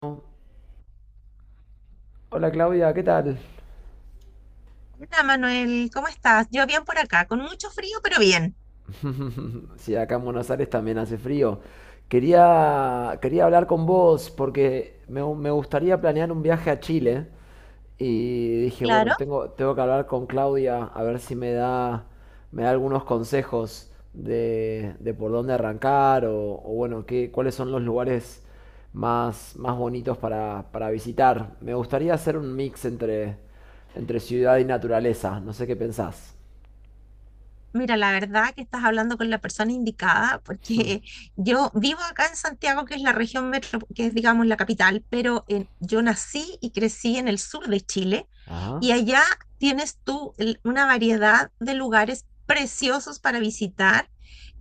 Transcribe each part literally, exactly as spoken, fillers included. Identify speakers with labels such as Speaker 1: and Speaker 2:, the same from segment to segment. Speaker 1: Hola Claudia, ¿qué tal?
Speaker 2: Hola Manuel, ¿cómo estás? Yo bien por acá, con mucho frío, pero bien.
Speaker 1: Sí, acá en Buenos Aires también hace frío. Quería, quería hablar con vos porque me, gu- me gustaría planear un viaje a Chile y dije, bueno,
Speaker 2: Claro.
Speaker 1: tengo, tengo que hablar con Claudia a ver si me da, me da algunos consejos de, de por dónde arrancar o, o bueno, qué, cuáles son los lugares más, más bonitos para, para visitar. Me gustaría hacer un mix entre, entre ciudad y naturaleza. No sé qué pensás.
Speaker 2: Mira, la verdad que estás hablando con la persona indicada, porque yo vivo acá en Santiago, que es la región metro, que es, digamos, la capital, pero en- yo nací y crecí en el sur de Chile,
Speaker 1: Ajá,
Speaker 2: y allá tienes tú el- una variedad de lugares preciosos para visitar,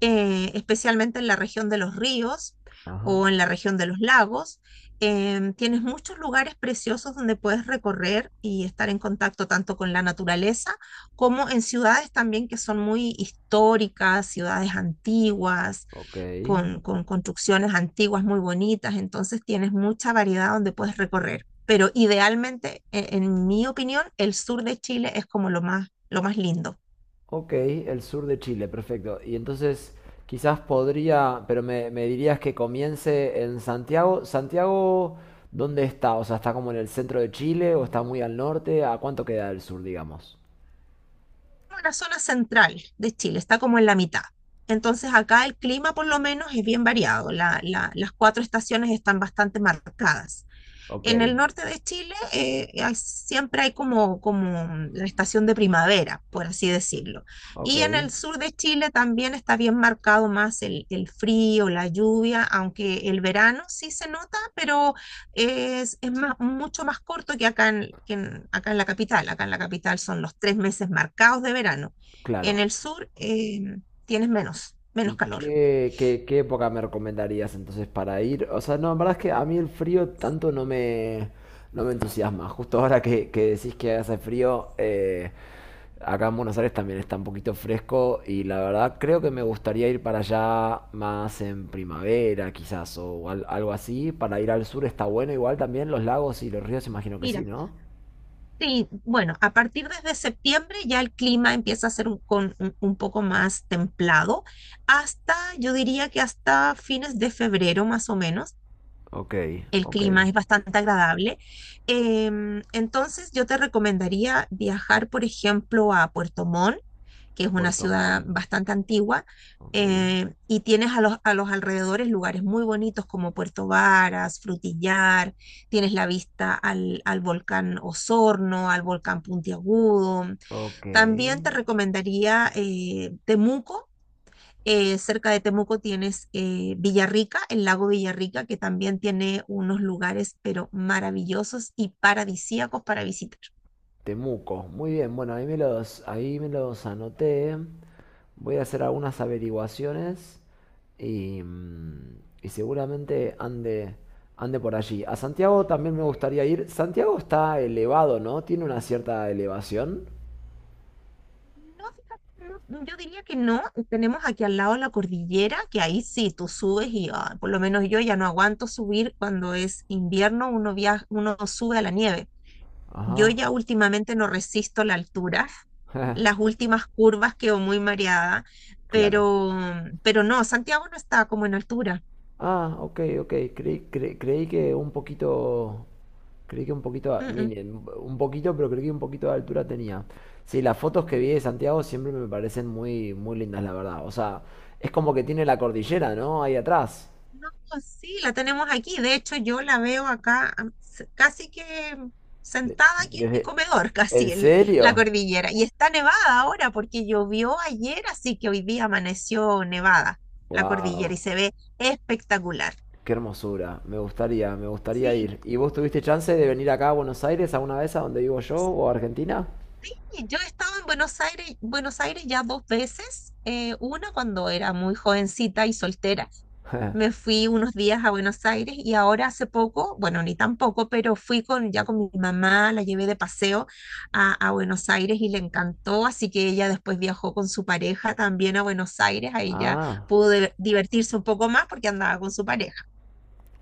Speaker 2: eh, especialmente en la región de los ríos
Speaker 1: ajá,
Speaker 2: o en la región de los lagos. Em, tienes muchos lugares preciosos donde puedes recorrer y estar en contacto tanto con la naturaleza como en ciudades también que son muy históricas, ciudades antiguas,
Speaker 1: ok.
Speaker 2: con, con construcciones antiguas muy bonitas, entonces tienes mucha variedad donde puedes recorrer. Pero idealmente, e- en mi opinión, el sur de Chile es como lo más, lo más lindo.
Speaker 1: Ok, el sur de Chile, perfecto. Y entonces quizás podría, pero me, me dirías que comience en Santiago. Santiago, ¿dónde está? O sea, ¿está como en el centro de Chile o está muy al norte? ¿A cuánto queda del sur, digamos?
Speaker 2: La zona central de Chile está como en la mitad. Entonces acá el clima por lo menos es bien variado, la- la- las cuatro estaciones están bastante marcadas.
Speaker 1: Ok,
Speaker 2: En el norte de Chile eh, hay- siempre hay como, como la estación de primavera, por así decirlo.
Speaker 1: ok,
Speaker 2: Y en el sur de Chile también está bien marcado más el, el frío, la lluvia, aunque el verano sí se nota, pero es, es más- mucho más corto que acá en, que en- acá en la capital. Acá en la capital son los tres meses marcados de verano. En
Speaker 1: claro.
Speaker 2: el sur eh, tienes menos,
Speaker 1: ¿Y
Speaker 2: menos calor.
Speaker 1: qué, qué, qué época me recomendarías entonces para ir? O sea, no, la verdad es que a mí el frío tanto no me, no me entusiasma. Justo ahora que, que decís que hace frío, eh, acá en Buenos Aires también está un poquito fresco y la verdad creo que me gustaría ir para allá más en primavera quizás o al- algo así. Para ir al sur está bueno igual también, los lagos y los ríos imagino que sí,
Speaker 2: Mira.
Speaker 1: ¿no?
Speaker 2: Sí, bueno, a partir desde septiembre ya el clima empieza a ser un, con- un- un poco más templado, hasta, yo diría que hasta fines de febrero más o menos,
Speaker 1: Ok,
Speaker 2: el
Speaker 1: ok.
Speaker 2: clima es bastante agradable. Em, entonces yo te recomendaría viajar, por ejemplo, a Puerto Montt que es una
Speaker 1: Puerto
Speaker 2: ciudad
Speaker 1: Montt.
Speaker 2: bastante antigua,
Speaker 1: Ok.
Speaker 2: eh, y tienes a los, a los alrededores lugares muy bonitos como Puerto Varas, Frutillar, tienes la vista al, al volcán Osorno, al volcán Puntiagudo.
Speaker 1: Ok.
Speaker 2: También te recomendaría eh, Temuco. eh, cerca de Temuco tienes eh, Villarrica, el lago Villarrica, que también tiene unos lugares, pero maravillosos y paradisíacos para visitar.
Speaker 1: Temuco. Muy bien, bueno, ahí me los, ahí me los anoté. Voy a hacer algunas averiguaciones y, mm, y seguramente ande, ande por allí. A Santiago también me gustaría ir. Santiago está elevado, ¿no? Tiene una cierta elevación.
Speaker 2: No, fíjate, no, yo diría que no. Tenemos aquí al lado la cordillera, que ahí sí, tú subes y ah, por lo menos yo ya no aguanto subir cuando es invierno, uno viaja, uno sube a la nieve. Yo
Speaker 1: Ajá.
Speaker 2: ya últimamente no resisto la altura, las últimas curvas quedo muy mareada,
Speaker 1: Claro.
Speaker 2: pero, pero no, Santiago no está como en altura.
Speaker 1: Ah, ok, ok. Creí, cre- creí que un poquito. Creí que un poquito. a- Miren, un poquito, pero creí que un poquito de altura tenía. Sí, las fotos que vi de Santiago siempre me parecen muy, muy lindas, la verdad. O sea, es como que tiene la cordillera, ¿no? Ahí atrás.
Speaker 2: No, sí, la tenemos aquí. De hecho, yo la veo acá am, s- casi que
Speaker 1: De-
Speaker 2: sentada aquí en mi
Speaker 1: desde.
Speaker 2: comedor,
Speaker 1: ¿En
Speaker 2: casi el- la
Speaker 1: serio?
Speaker 2: cordillera. Y está nevada ahora porque llovió ayer, así que hoy día amaneció nevada la cordillera y
Speaker 1: ¡Wow!
Speaker 2: se ve espectacular.
Speaker 1: ¡Qué hermosura! Me gustaría, me gustaría
Speaker 2: Sí,
Speaker 1: ir. ¿Y vos tuviste chance de venir acá a Buenos Aires alguna vez a donde vivo yo o a Argentina?
Speaker 2: sí, yo he estado en Buenos Aires, Buenos Aires ya dos veces, eh, una cuando era muy jovencita y soltera. Me fui unos días a Buenos Aires y ahora hace poco, bueno, ni tampoco, pero fui con, ya con mi mamá, la llevé de paseo a, a Buenos Aires y le encantó, así que ella después viajó con su pareja también a Buenos Aires, ahí ya
Speaker 1: Ah.
Speaker 2: pudo de- divertirse un poco más porque andaba con su pareja.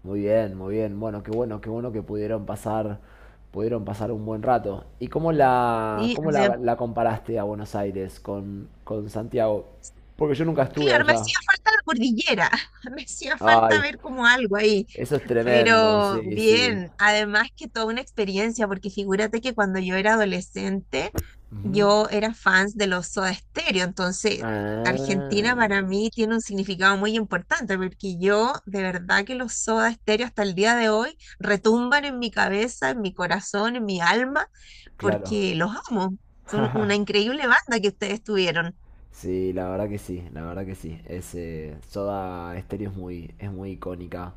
Speaker 1: Muy bien, muy bien. Bueno, qué bueno, qué bueno que pudieron pasar, pudieron pasar un buen rato. ¿Y cómo la,
Speaker 2: Sí,
Speaker 1: cómo la, la comparaste a Buenos Aires con, con Santiago? Porque yo nunca estuve
Speaker 2: claro, me
Speaker 1: allá.
Speaker 2: hacía falta la cordillera, me hacía falta
Speaker 1: Ay,
Speaker 2: ver como algo ahí,
Speaker 1: eso es tremendo,
Speaker 2: pero
Speaker 1: sí, sí.
Speaker 2: bien, además que toda una experiencia, porque figúrate que cuando yo era adolescente,
Speaker 1: Ujú.
Speaker 2: yo era fans de los Soda Stereo, entonces Argentina para
Speaker 1: Ah,
Speaker 2: mí tiene un significado muy importante, porque yo de verdad que los Soda Stereo hasta el día de hoy retumban en mi cabeza, en mi corazón, en mi alma,
Speaker 1: claro.
Speaker 2: porque los amo, son una increíble banda que ustedes tuvieron.
Speaker 1: Sí, la verdad que sí, la verdad que sí. Es, eh, Soda Stereo es muy, es muy icónica.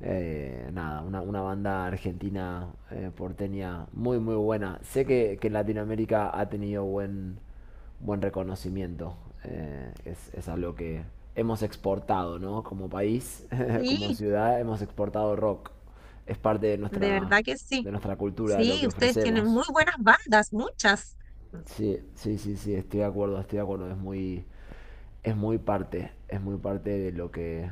Speaker 1: Eh, nada, una, una banda argentina eh, porteña muy, muy buena. Sé que, que en Latinoamérica ha tenido buen, buen reconocimiento. Eh, es, es algo que hemos exportado, ¿no? Como país, como
Speaker 2: Sí,
Speaker 1: ciudad, hemos exportado rock. Es parte de
Speaker 2: de
Speaker 1: nuestra,
Speaker 2: verdad que sí.
Speaker 1: de nuestra cultura, de lo
Speaker 2: Sí,
Speaker 1: que
Speaker 2: ustedes tienen muy
Speaker 1: ofrecemos.
Speaker 2: buenas bandas, muchas.
Speaker 1: Sí, sí, sí, sí, estoy de acuerdo, estoy de acuerdo. Es muy, es muy parte, es muy parte de lo que,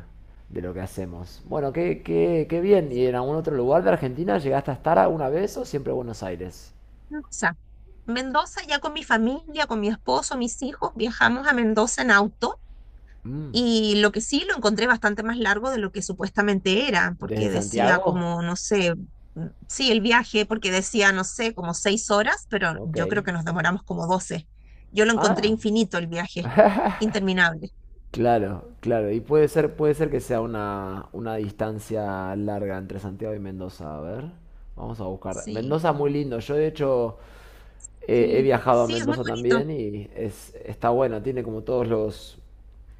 Speaker 1: de lo que hacemos. Bueno, qué, qué, qué bien. ¿Y en algún otro lugar de Argentina llegaste a estar alguna vez o siempre Buenos Aires?
Speaker 2: Mendoza. Mendoza, ya con mi familia, con mi esposo, mis hijos, viajamos a Mendoza en auto
Speaker 1: Mm,
Speaker 2: y lo que sí lo encontré bastante más largo de lo que supuestamente era,
Speaker 1: ¿desde
Speaker 2: porque decía
Speaker 1: Santiago?
Speaker 2: como, no sé, mm, sí, el viaje, porque decía, no sé, como seis horas, pero
Speaker 1: Ok.
Speaker 2: yo creo que nos demoramos como doce. Yo lo encontré
Speaker 1: Ah,
Speaker 2: infinito el viaje, interminable.
Speaker 1: claro, claro. Y puede ser, puede ser que sea una, una distancia larga entre Santiago y Mendoza. A ver, vamos a buscar.
Speaker 2: Sí,
Speaker 1: Mendoza muy lindo. Yo de hecho He, he
Speaker 2: sí,
Speaker 1: viajado a
Speaker 2: sí, es muy
Speaker 1: Mendoza
Speaker 2: bonito.
Speaker 1: también y es, está bueno, tiene como todos los,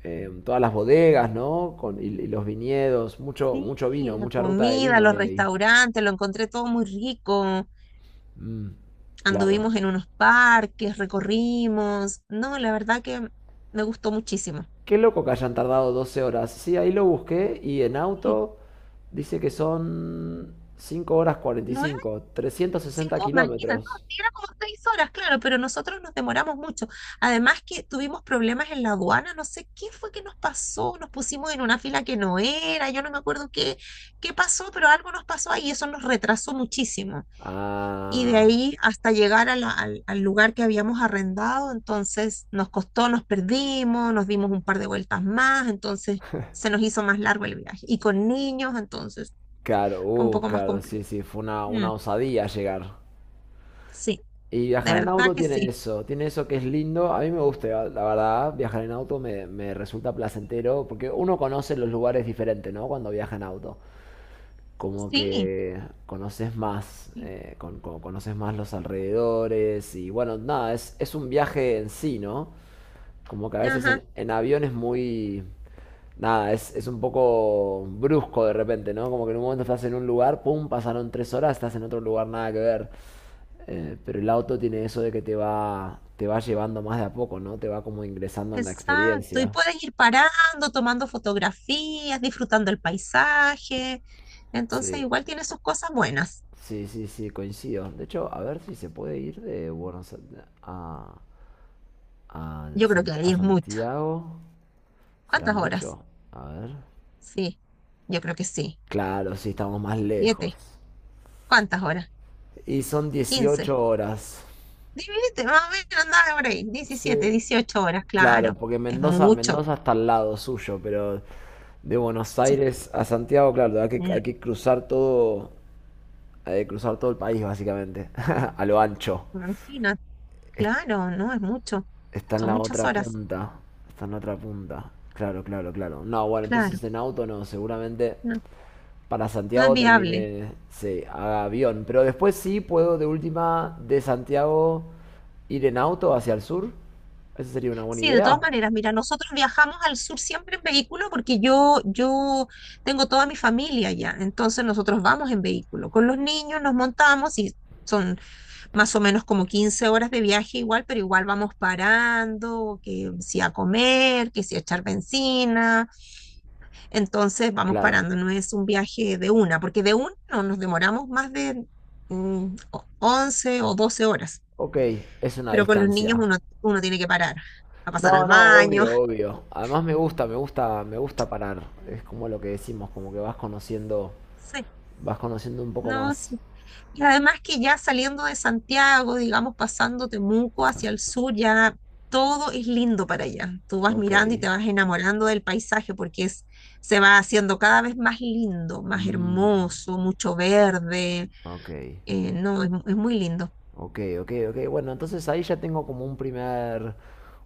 Speaker 1: eh, todas las bodegas, ¿no? Con, y, y los viñedos, mucho,
Speaker 2: Sí,
Speaker 1: mucho vino,
Speaker 2: la
Speaker 1: mucha ruta de
Speaker 2: comida,
Speaker 1: vino
Speaker 2: los
Speaker 1: hay ahí.
Speaker 2: restaurantes, lo encontré todo muy rico.
Speaker 1: Mm, claro.
Speaker 2: Anduvimos en unos parques, recorrimos. No, la verdad que me gustó muchísimo.
Speaker 1: Qué loco que hayan tardado doce horas. Sí, ahí lo busqué y en
Speaker 2: Sí,
Speaker 1: auto dice que son cinco horas cuarenta y
Speaker 2: nueve,
Speaker 1: cinco, trescientos sesenta
Speaker 2: cinco, imagina, no,
Speaker 1: kilómetros.
Speaker 2: sí, era como seis horas, claro, pero nosotros nos demoramos mucho. Además que tuvimos problemas en la aduana, no sé qué fue que nos pasó, nos pusimos en una fila que no era, yo no me acuerdo qué, qué pasó, pero algo nos pasó ahí y eso nos retrasó muchísimo. Y de
Speaker 1: Ah,
Speaker 2: ahí hasta llegar a la- al, al lugar que habíamos arrendado, entonces nos costó, nos perdimos, nos dimos un par de vueltas más, entonces se nos hizo más largo el viaje. Y con niños, entonces
Speaker 1: claro,
Speaker 2: fue un
Speaker 1: uh,
Speaker 2: poco más
Speaker 1: claro,
Speaker 2: complejo.
Speaker 1: sí, sí, fue una,
Speaker 2: Mm,
Speaker 1: una osadía llegar.
Speaker 2: sí,
Speaker 1: Y
Speaker 2: de
Speaker 1: viajar en
Speaker 2: verdad
Speaker 1: auto
Speaker 2: que
Speaker 1: tiene
Speaker 2: sí.
Speaker 1: eso, tiene eso que es lindo. A mí me gusta, la verdad, viajar en auto me, me resulta placentero porque uno conoce los lugares diferentes, ¿no? Cuando viaja en auto. Como
Speaker 2: Sí.
Speaker 1: que conoces más, eh, con- con- conoces más los alrededores y bueno, nada, es, es un viaje en sí, ¿no? Como que a veces en,
Speaker 2: Ajá,
Speaker 1: en avión es muy... Nada, es, es un poco brusco de repente, ¿no? Como que en un momento estás en un lugar, pum, pasaron tres horas, estás en otro lugar, nada que ver. Eh, pero el auto tiene eso de que te va, te va llevando más de a poco, ¿no? Te va como ingresando en la
Speaker 2: exacto. Y
Speaker 1: experiencia.
Speaker 2: puedes ir parando, tomando fotografías, disfrutando el paisaje. Entonces,
Speaker 1: Sí,
Speaker 2: igual tiene sus cosas buenas.
Speaker 1: sí, sí, sí, coincido. De hecho, a ver si se puede ir de Buenos Aires a, a,
Speaker 2: Yo creo que
Speaker 1: Sant-
Speaker 2: ahí
Speaker 1: a
Speaker 2: es mucho.
Speaker 1: Santiago. ¿Será
Speaker 2: ¿Cuántas horas?
Speaker 1: mucho? A ver.
Speaker 2: Sí, yo creo que sí.
Speaker 1: Claro, sí, estamos más lejos.
Speaker 2: Siete. ¿Cuántas horas?
Speaker 1: Y son
Speaker 2: Quince.
Speaker 1: dieciocho horas.
Speaker 2: Divídete, más o menos andaba por ahí. Diecisiete,
Speaker 1: Sí.
Speaker 2: dieciocho horas,
Speaker 1: Claro,
Speaker 2: claro.
Speaker 1: porque
Speaker 2: Es
Speaker 1: Mendoza,
Speaker 2: mucho.
Speaker 1: Mendoza está al lado suyo, pero de Buenos
Speaker 2: Sí.
Speaker 1: Aires a Santiago, claro, hay que,
Speaker 2: Mm,
Speaker 1: hay que cruzar todo de cruzar todo el país, básicamente. A lo ancho.
Speaker 2: imagínate,
Speaker 1: Es-
Speaker 2: claro, no es mucho.
Speaker 1: Está en
Speaker 2: Son
Speaker 1: la
Speaker 2: muchas
Speaker 1: otra
Speaker 2: horas,
Speaker 1: punta. Está en la otra punta. Claro, claro, claro. No, bueno,
Speaker 2: claro.
Speaker 1: entonces en auto no. Seguramente
Speaker 2: No,
Speaker 1: para
Speaker 2: no es
Speaker 1: Santiago
Speaker 2: viable.
Speaker 1: termine, sí, haga avión. Pero después sí puedo de última de Santiago ir en auto hacia el sur. Esa sería una buena
Speaker 2: Sí, de todas
Speaker 1: idea.
Speaker 2: maneras, mira, nosotros viajamos al sur siempre en vehículo porque yo, yo tengo toda mi familia allá. Entonces nosotros vamos en vehículo. Con los niños nos montamos y son más o menos como quince horas de viaje igual, pero igual vamos parando, que si a comer, que si a echar benzina, entonces vamos
Speaker 1: Claro.
Speaker 2: parando, no es un viaje de una, porque de una no nos demoramos más de mm, o- once o doce horas,
Speaker 1: Ok, es una
Speaker 2: pero con los niños
Speaker 1: distancia.
Speaker 2: uno, uno tiene que parar, a pasar al
Speaker 1: No, no,
Speaker 2: baño,
Speaker 1: obvio, obvio. Además me gusta, me gusta, me gusta parar. Es como lo que decimos, como que vas conociendo
Speaker 2: sí,
Speaker 1: vas conociendo un poco
Speaker 2: no,
Speaker 1: más.
Speaker 2: sí. Y además que ya saliendo de Santiago, digamos, pasando Temuco hacia el sur, ya todo es lindo para allá. Tú vas
Speaker 1: Ok.
Speaker 2: mirando y te vas enamorando del paisaje porque es, se va haciendo cada vez más lindo, más
Speaker 1: Mm,
Speaker 2: hermoso, mucho verde.
Speaker 1: ok.
Speaker 2: Eh, no, es, mu- es muy lindo.
Speaker 1: Ok, ok, ok. Bueno, entonces ahí ya tengo como un primer,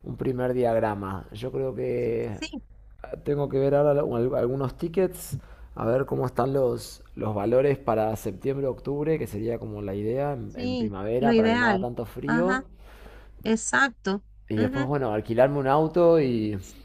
Speaker 1: un primer diagrama. Yo creo que
Speaker 2: Sí,
Speaker 1: ah, tengo que ver ahora lo- al- algunos tickets, a ver cómo están los, los valores para septiembre, octubre, que sería como la idea en, en
Speaker 2: sí, lo
Speaker 1: primavera para que no haga
Speaker 2: ideal.
Speaker 1: tanto frío.
Speaker 2: Ajá, exacto.
Speaker 1: Y después,
Speaker 2: Ujú,
Speaker 1: bueno, alquilarme un auto y,
Speaker 2: sí.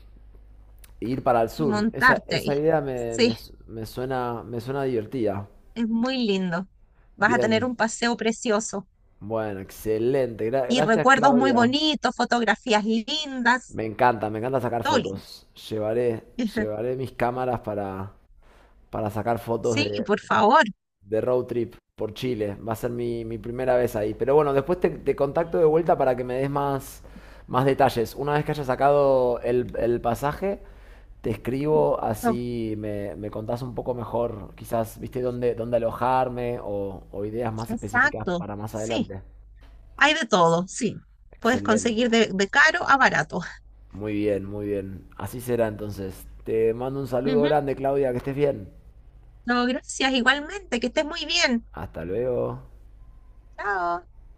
Speaker 1: y ir para el
Speaker 2: Y
Speaker 1: sur. Esa,
Speaker 2: montarte
Speaker 1: esa
Speaker 2: ahí.
Speaker 1: idea me, me,
Speaker 2: Sí,
Speaker 1: su- me suena, me suena divertida.
Speaker 2: es muy lindo. Vas a tener
Speaker 1: Bien.
Speaker 2: un paseo precioso
Speaker 1: Bueno, excelente. Gra-
Speaker 2: y
Speaker 1: gracias,
Speaker 2: recuerdos muy
Speaker 1: Claudia.
Speaker 2: bonitos, fotografías lindas.
Speaker 1: Me encanta, me encanta sacar
Speaker 2: Tolling.
Speaker 1: fotos. Llevaré, llevaré mis cámaras para, para sacar fotos
Speaker 2: Sí,
Speaker 1: de,
Speaker 2: por favor.
Speaker 1: de road trip por Chile. Va a ser mi, mi primera vez ahí. Pero bueno, después te, te contacto de vuelta para que me des más, más detalles. Una vez que haya sacado el, el pasaje, te escribo
Speaker 2: Oh,
Speaker 1: así me, me contás un poco mejor, quizás, viste, dónde, dónde alojarme o o ideas más específicas
Speaker 2: exacto.
Speaker 1: para más
Speaker 2: Sí,
Speaker 1: adelante.
Speaker 2: hay de todo, sí. Puedes
Speaker 1: Excelente.
Speaker 2: conseguir de, de caro a barato.
Speaker 1: Muy bien, muy bien. Así será entonces. Te mando un saludo
Speaker 2: Ujú.
Speaker 1: grande, Claudia, que estés bien.
Speaker 2: No, gracias igualmente. Que estés muy bien.
Speaker 1: Hasta luego.
Speaker 2: Chao.